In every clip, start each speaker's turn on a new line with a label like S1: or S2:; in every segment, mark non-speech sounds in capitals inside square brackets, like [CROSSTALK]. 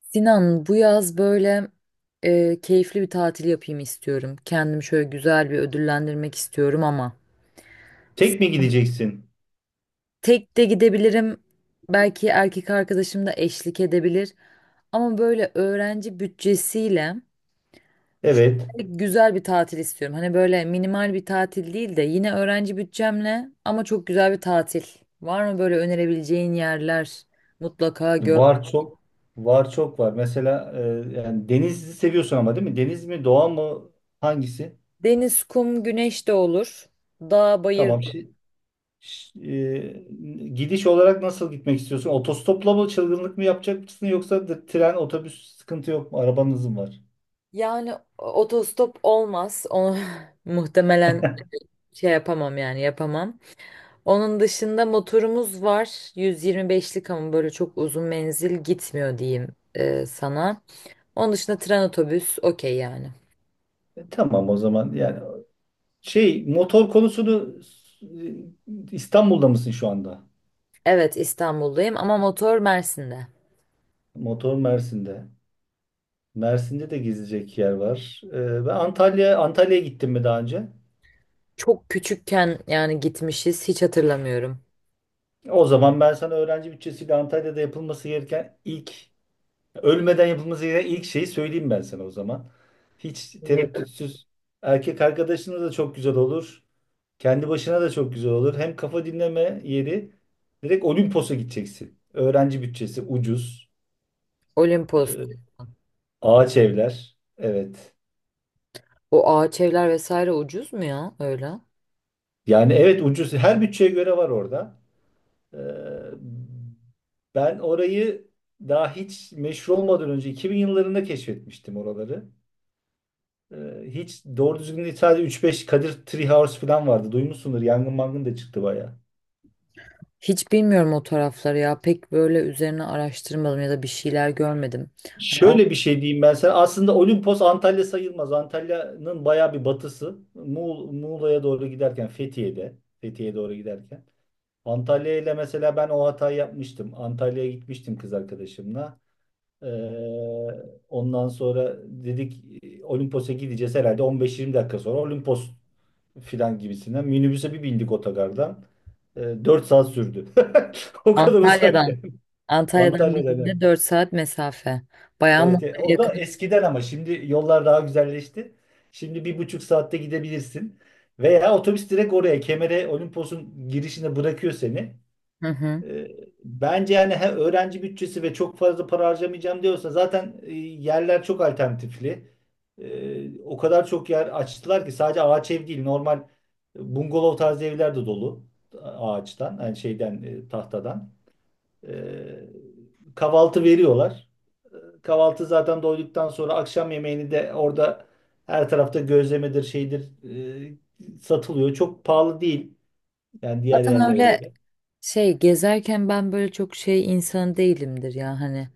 S1: Sinan, bu yaz böyle keyifli bir tatil yapayım istiyorum. Kendimi şöyle güzel bir ödüllendirmek istiyorum ama
S2: Tek mi gideceksin?
S1: tek de gidebilirim. Belki erkek arkadaşım da eşlik edebilir. Ama böyle öğrenci bütçesiyle
S2: Evet.
S1: şöyle güzel bir tatil istiyorum. Hani böyle minimal bir tatil değil de yine öğrenci bütçemle ama çok güzel bir tatil. Var mı böyle önerebileceğin yerler? Mutlaka gör.
S2: Var çok. Var çok var. Mesela yani denizi seviyorsun ama, değil mi? Deniz mi, doğa mı? Hangisi?
S1: Deniz, kum, güneş de olur. Dağ, bayır.
S2: Tamam. Gidiş olarak nasıl gitmek istiyorsun? Otostopla mı, çılgınlık mı yapacak mısın, yoksa da tren, otobüs sıkıntı yok mu? Arabanız mı var?
S1: Yani otostop olmaz. Onu [LAUGHS] muhtemelen şey yapamam yani yapamam. Onun dışında motorumuz var. 125'lik ama böyle çok uzun menzil gitmiyor diyeyim sana. Onun dışında tren otobüs okey yani.
S2: Tamam o zaman. Yani şey motor konusunu, İstanbul'da mısın şu anda?
S1: Evet, İstanbul'dayım ama motor Mersin'de.
S2: Motor Mersin'de. Mersin'de de gezecek yer var. Ben Antalya'ya gittim mi daha önce?
S1: Çok küçükken yani gitmişiz, hiç hatırlamıyorum.
S2: O zaman ben sana öğrenci bütçesiyle Antalya'da yapılması gereken ilk, ölmeden yapılması gereken ilk şeyi söyleyeyim ben sana o zaman. Hiç
S1: Evet.
S2: tereddütsüz erkek arkadaşına da çok güzel olur. Kendi başına da çok güzel olur. Hem kafa dinleme yeri, direkt Olimpos'a gideceksin. Öğrenci bütçesi ucuz.
S1: Olimpos.
S2: Ee, Ağaç evler. Evet.
S1: O ağaç evler vesaire ucuz mu ya öyle?
S2: Yani evet ucuz. Her bütçeye göre var orada. Ee, Ben orayı daha hiç meşhur olmadan önce 2000 yıllarında keşfetmiştim oraları. Hiç doğru düzgün değil, sadece 3-5 Kadir Treehouse falan vardı. Duymuşsundur. Yangın mangın da çıktı bayağı.
S1: Hiç bilmiyorum o tarafları ya. Pek böyle üzerine araştırmadım ya da bir şeyler görmedim. Hani An-
S2: Şöyle bir şey diyeyim ben sana. Aslında Olimpos Antalya sayılmaz. Antalya'nın bayağı bir batısı. Muğla'ya doğru giderken Fethiye'de. Fethiye'ye doğru giderken. Antalya ile mesela ben o hatayı yapmıştım. Antalya'ya gitmiştim kız arkadaşımla. Ee, Ondan sonra dedik Olimpos'a gideceğiz herhalde 15-20 dakika sonra Olimpos filan gibisinden. Minibüse bir bindik otogardan. Dört saat sürdü. [LAUGHS] O kadar uzak
S1: Antalya'dan,
S2: yani.
S1: Antalya'dan
S2: Antalya'dan. Yani.
S1: dediğinde 4 saat mesafe. Bayağı Muğla'ya
S2: Evet, o da
S1: yakın.
S2: eskiden, ama şimdi yollar daha güzelleşti. Şimdi bir buçuk saatte gidebilirsin. Veya otobüs direkt oraya Kemer'e, Olimpos'un girişine bırakıyor seni.
S1: Hı hı.
S2: E, Bence yani he, öğrenci bütçesi ve çok fazla para harcamayacağım diyorsa, zaten yerler çok alternatifli. O kadar çok yer açtılar ki sadece ağaç ev değil, normal bungalov tarzı evler de dolu. Ağaçtan yani şeyden, tahtadan. E, Kahvaltı veriyorlar. Kahvaltı zaten, doyduktan sonra akşam yemeğini de orada her tarafta, gözlemedir şeydir satılıyor. Çok pahalı değil yani, diğer
S1: Zaten
S2: yerlere
S1: öyle
S2: göre.
S1: şey gezerken ben böyle çok şey insan değilimdir ya hani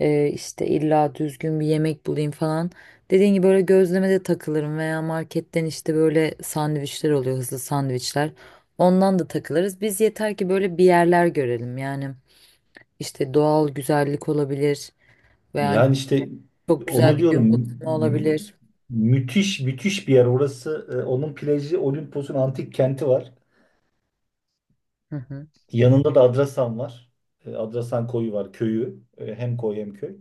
S1: işte illa düzgün bir yemek bulayım falan. Dediğin gibi böyle gözlemede takılırım veya marketten işte böyle sandviçler oluyor, hızlı sandviçler. Ondan da takılırız. Biz yeter ki böyle bir yerler görelim yani. İşte doğal güzellik olabilir veya hani
S2: Yani işte
S1: çok güzel
S2: onu
S1: bir
S2: diyorum,
S1: gün batımı
S2: mü-
S1: olabilir.
S2: müthiş müthiş bir yer orası. E, onun plajı, Olimpos'un antik kenti var.
S1: Hı hı.
S2: Yanında da Adrasan var. E, Adrasan koyu var, köyü. E, hem koy hem köy.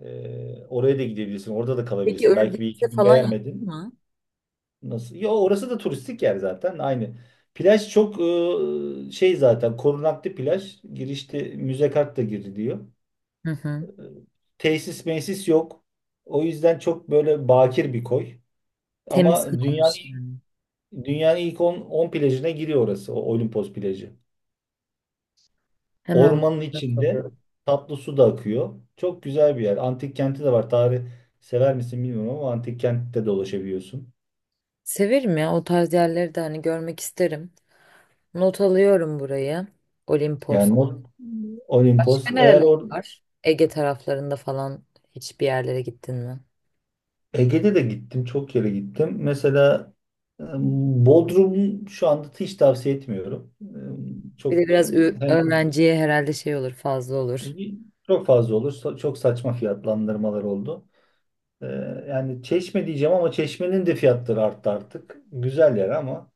S2: E, oraya da gidebilirsin. Orada da
S1: Peki
S2: kalabilirsin.
S1: öyle bir
S2: Belki bir
S1: şey
S2: iki gün
S1: falan yaptın
S2: beğenmedin.
S1: mı?
S2: Nasıl? Ya orası da turistik yer zaten. Aynı. Plaj çok şey, zaten korunaklı plaj. Girişte müze kart da giriliyor.
S1: Hı
S2: E,
S1: hı.
S2: tesis mesis yok. O yüzden çok böyle bakir bir koy.
S1: Temiz
S2: Ama
S1: kalmış
S2: dünyanın
S1: yani.
S2: dünyanın ilk 10 plajına giriyor orası, o Olimpos plajı.
S1: Hemen
S2: Ormanın
S1: not
S2: içinde
S1: alıyorum.
S2: tatlı su da akıyor. Çok güzel bir yer. Antik kenti de var. Tarih sever misin bilmiyorum ama antik kentte dolaşabiliyorsun.
S1: Severim ya, o tarz yerleri de hani görmek isterim. Not alıyorum burayı. Olimpos.
S2: Yani o- Olimpos.
S1: Başka
S2: Eğer
S1: nereler
S2: or
S1: var? Ege taraflarında falan hiçbir yerlere gittin mi?
S2: Ege'de de gittim, çok yere gittim. Mesela e, Bodrum şu anda hiç tavsiye etmiyorum. E,
S1: Bir
S2: çok
S1: de biraz
S2: hem
S1: öğrenciye herhalde şey olur, fazla olur.
S2: çok fazla olur. Çok saçma fiyatlandırmalar oldu. Ee, Yani Çeşme diyeceğim ama Çeşme'nin de fiyatları arttı artık. Güzel yer ama.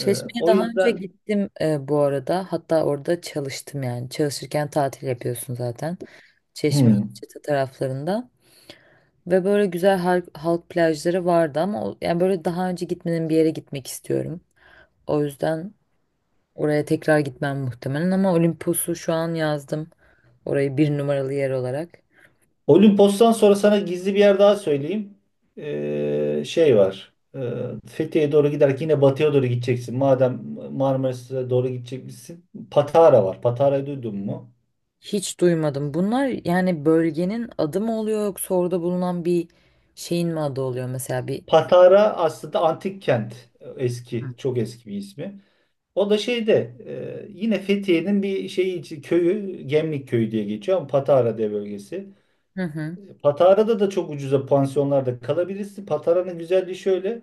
S2: Ee, O
S1: daha önce
S2: yüzden
S1: gittim bu arada. Hatta orada çalıştım yani. Çalışırken tatil yapıyorsun zaten. Çeşme,
S2: hmm.
S1: Alaçatı taraflarında. Ve böyle güzel halk, halk plajları vardı ama yani böyle daha önce gitmediğim bir yere gitmek istiyorum. O yüzden oraya tekrar gitmem muhtemelen, ama Olimpos'u şu an yazdım. Orayı bir numaralı yer olarak.
S2: Olimpos'tan sonra sana gizli bir yer daha söyleyeyim. Şey var. Fethiye'ye doğru giderken yine batıya doğru gideceksin. Madem Marmaris'e doğru gideceksin. Patara var. Patara'yı duydun mu?
S1: Hiç duymadım. Bunlar yani bölgenin adı mı oluyor yoksa orada bulunan bir şeyin mi adı oluyor mesela bir.
S2: Patara aslında antik kent. Eski, çok eski bir ismi. O da şeyde, yine Fethiye'nin bir şeyi, köyü, Gemlik Köyü diye geçiyor ama Patara diye bölgesi.
S1: Hı hı.
S2: Patara'da da çok ucuza pansiyonlarda kalabilirsin. Patara'nın güzelliği şöyle.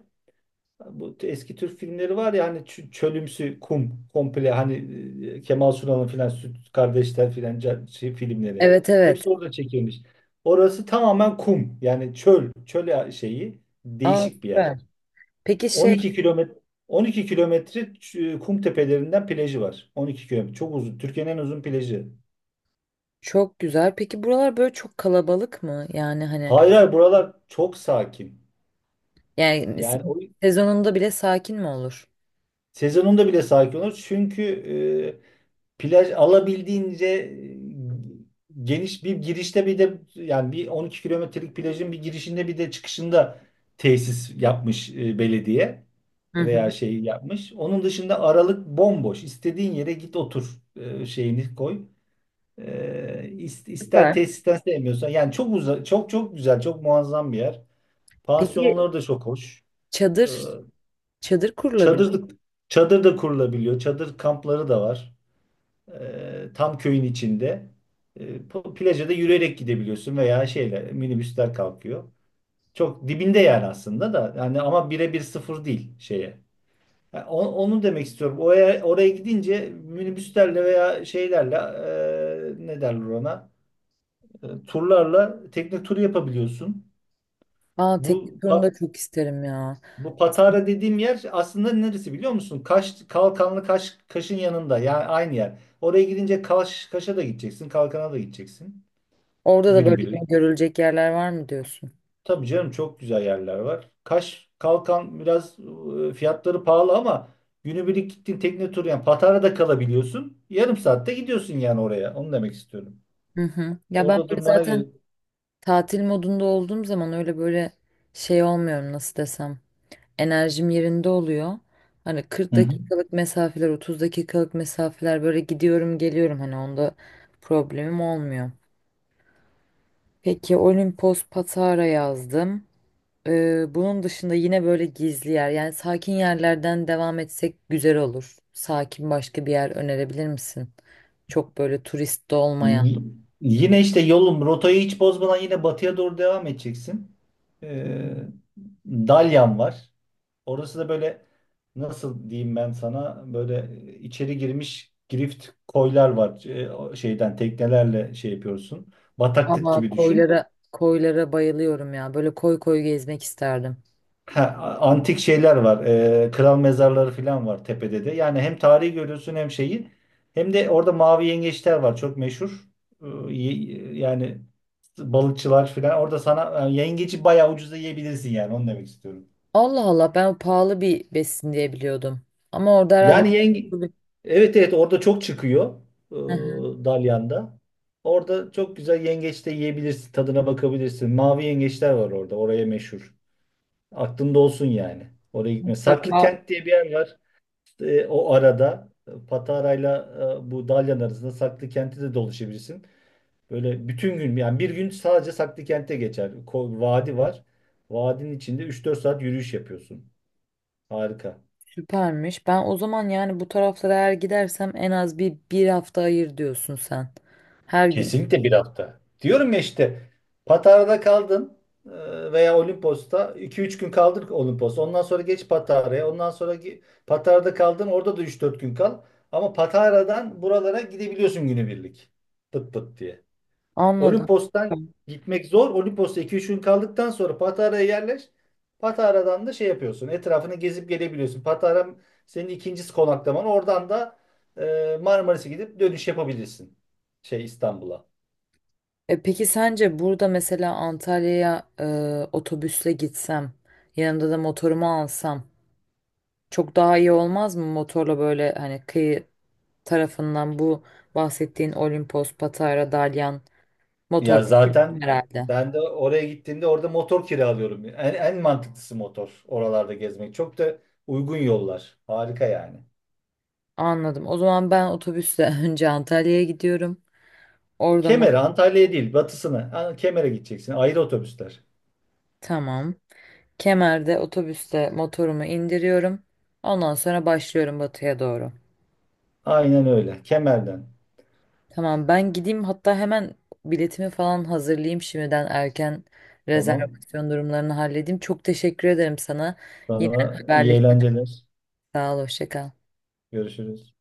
S2: Bu eski Türk filmleri var ya hani, çölümsü kum komple hani, Kemal Sunal'ın filan Süt Kardeşler filan şey filmleri.
S1: Evet,
S2: Hepsi
S1: evet.
S2: orada çekilmiş. Orası tamamen kum. Yani çöl, çöl şeyi,
S1: Aa,
S2: değişik bir yer.
S1: süper. Peki şey,
S2: 12 kilometre, 12 kilometre kum tepelerinden plajı var. 12 kilometre. Çok uzun. Türkiye'nin en uzun plajı.
S1: çok güzel. Peki buralar böyle çok kalabalık mı? Yani hani
S2: Hayır hayır, buralar çok sakin.
S1: yani
S2: Yani o
S1: sezonunda bile sakin mi olur?
S2: Sezonunda bile sakin olur. Çünkü plaj alabildiğince geniş, bir girişte bir de, yani bir 12 kilometrelik plajın bir girişinde bir de çıkışında tesis yapmış belediye
S1: Hı hı.
S2: veya şey yapmış. Onun dışında aralık bomboş. İstediğin yere git otur, şeyini koy. E, ister,
S1: Süper.
S2: tesisten sevmiyorsan, yani çok uza, çok çok güzel, çok muazzam bir yer.
S1: Peki
S2: Pansiyonları da çok hoş. E,
S1: çadır çadır kurulabilir.
S2: Çadırlık, çadır da kurulabiliyor. Çadır kampları da var. Tam köyün içinde. Plaja da yürüyerek gidebiliyorsun veya şeyler, minibüsler kalkıyor. Çok dibinde yani aslında da yani, ama birebir sıfır değil şeye. Onu demek istiyorum. Oraya, oraya gidince minibüslerle veya şeylerle, ne derler ona? E, turlarla tekne turu yapabiliyorsun.
S1: Aa, tekne
S2: Bu
S1: turunu da çok isterim ya.
S2: Bu Patara dediğim yer aslında neresi biliyor musun? Kaş, Kalkanlı Kaş, Kaş'ın yanında, yani aynı yer. Oraya gidince Kaş, Kaş'a da gideceksin, Kalkan'a da gideceksin
S1: Orada da böyle yine
S2: günübirlik.
S1: görülecek yerler var mı diyorsun?
S2: Tabii canım, çok güzel yerler var. Kaş, Kalkan biraz fiyatları pahalı ama günübirlik gittin, tekne turu, yani Patara'da kalabiliyorsun. Yarım saatte gidiyorsun yani oraya. Onu demek istiyorum.
S1: Hı hı. Ya ben
S2: Orada
S1: böyle
S2: durmana gerek.
S1: zaten tatil modunda olduğum zaman öyle böyle şey olmuyorum, nasıl desem. Enerjim yerinde oluyor. Hani 40
S2: Hı hı.
S1: dakikalık mesafeler, 30 dakikalık mesafeler böyle gidiyorum geliyorum, hani onda problemim olmuyor. Peki Olimpos Patara yazdım. Bunun dışında yine böyle gizli yer yani sakin yerlerden devam etsek güzel olur. Sakin başka bir yer önerebilir misin? Çok böyle turist de olmayan.
S2: Y- Yine işte yolun rotayı hiç bozmadan yine batıya doğru devam edeceksin. Ee, Dalyan var. Orası da böyle, nasıl diyeyim ben sana, böyle içeri girmiş grift koylar var. O şeyden teknelerle şey yapıyorsun. Bataklık
S1: Ama
S2: gibi düşün.
S1: koylara bayılıyorum ya. Böyle koy koy gezmek isterdim.
S2: Ha, antik şeyler var. Kral mezarları falan var tepede de. Yani hem tarihi görüyorsun hem şeyi. Hem de orada mavi yengeçler var. Çok meşhur. Ee, yani balıkçılar falan. Orada sana yengeci bayağı ucuza yiyebilirsin yani. Onu demek istiyorum.
S1: Allah Allah, ben pahalı bir besin diye biliyordum. Ama orada herhalde
S2: Yani yenge...
S1: [LAUGHS]
S2: Evet evet, orada çok çıkıyor.
S1: hı hı,
S2: Dalyan'da. Orada çok güzel yengeç de yiyebilirsin. Tadına bakabilirsin. Mavi yengeçler var orada. Oraya meşhur. Aklında olsun yani. Oraya gitme. Saklı
S1: mutlaka
S2: Kent diye bir yer var. E, o arada Patara'yla, bu Dalyan arasında Saklı Kent'e de dolaşabilirsin. Böyle bütün gün, yani bir gün sadece Saklı Kent'e geçer. Vadi var. Vadinin içinde üç dört saat yürüyüş yapıyorsun. Harika.
S1: süpermiş. Ben o zaman yani bu taraflara eğer gidersem en az bir hafta ayır diyorsun sen. Her gün.
S2: Kesinlikle bir hafta. Diyorum ya işte, Patara'da kaldın, veya Olimpos'ta iki üç gün kaldın Olimpos'ta. Ondan sonra geç Patara'ya. Ondan sonra Patara'da kaldın, orada da üç dört gün kal. Ama Patara'dan buralara gidebiliyorsun günübirlik. Pıt pıt diye.
S1: Anladım.
S2: Olimpos'tan gitmek zor. Olimpos'ta iki üç gün kaldıktan sonra Patara'ya yerleş. Patara'dan da şey yapıyorsun. Etrafını gezip gelebiliyorsun. Patara senin ikincisi konaklaman. Oradan da Marmaris'e gidip dönüş yapabilirsin. Şey, İstanbul'a.
S1: E peki sence burada mesela Antalya'ya otobüsle gitsem, yanımda da motorumu alsam çok daha iyi olmaz mı motorla böyle hani kıyı tarafından bu bahsettiğin Olimpos, Patara, Dalyan motor
S2: Ya zaten
S1: herhalde.
S2: ben de oraya gittiğimde orada motor kiralıyorum. En mantıklısı motor oralarda gezmek. Çok da uygun yollar. Harika yani.
S1: Anladım. O zaman ben otobüsle [LAUGHS] önce Antalya'ya gidiyorum. Orada mı?
S2: Kemer'e, Antalya'ya değil batısına. Ha, Kemer'e gideceksin. Ayrı otobüsler.
S1: Tamam. Kemer'de otobüsle motorumu indiriyorum. Ondan sonra başlıyorum batıya doğru.
S2: Aynen öyle. Kemer'den.
S1: Tamam, ben gideyim hatta hemen biletimi falan hazırlayayım, şimdiden erken
S2: Tamam.
S1: rezervasyon durumlarını halledeyim. Çok teşekkür ederim sana. Yine
S2: Sana iyi
S1: haberleşelim.
S2: eğlenceler.
S1: Sağ ol, hoşça kal.
S2: Görüşürüz.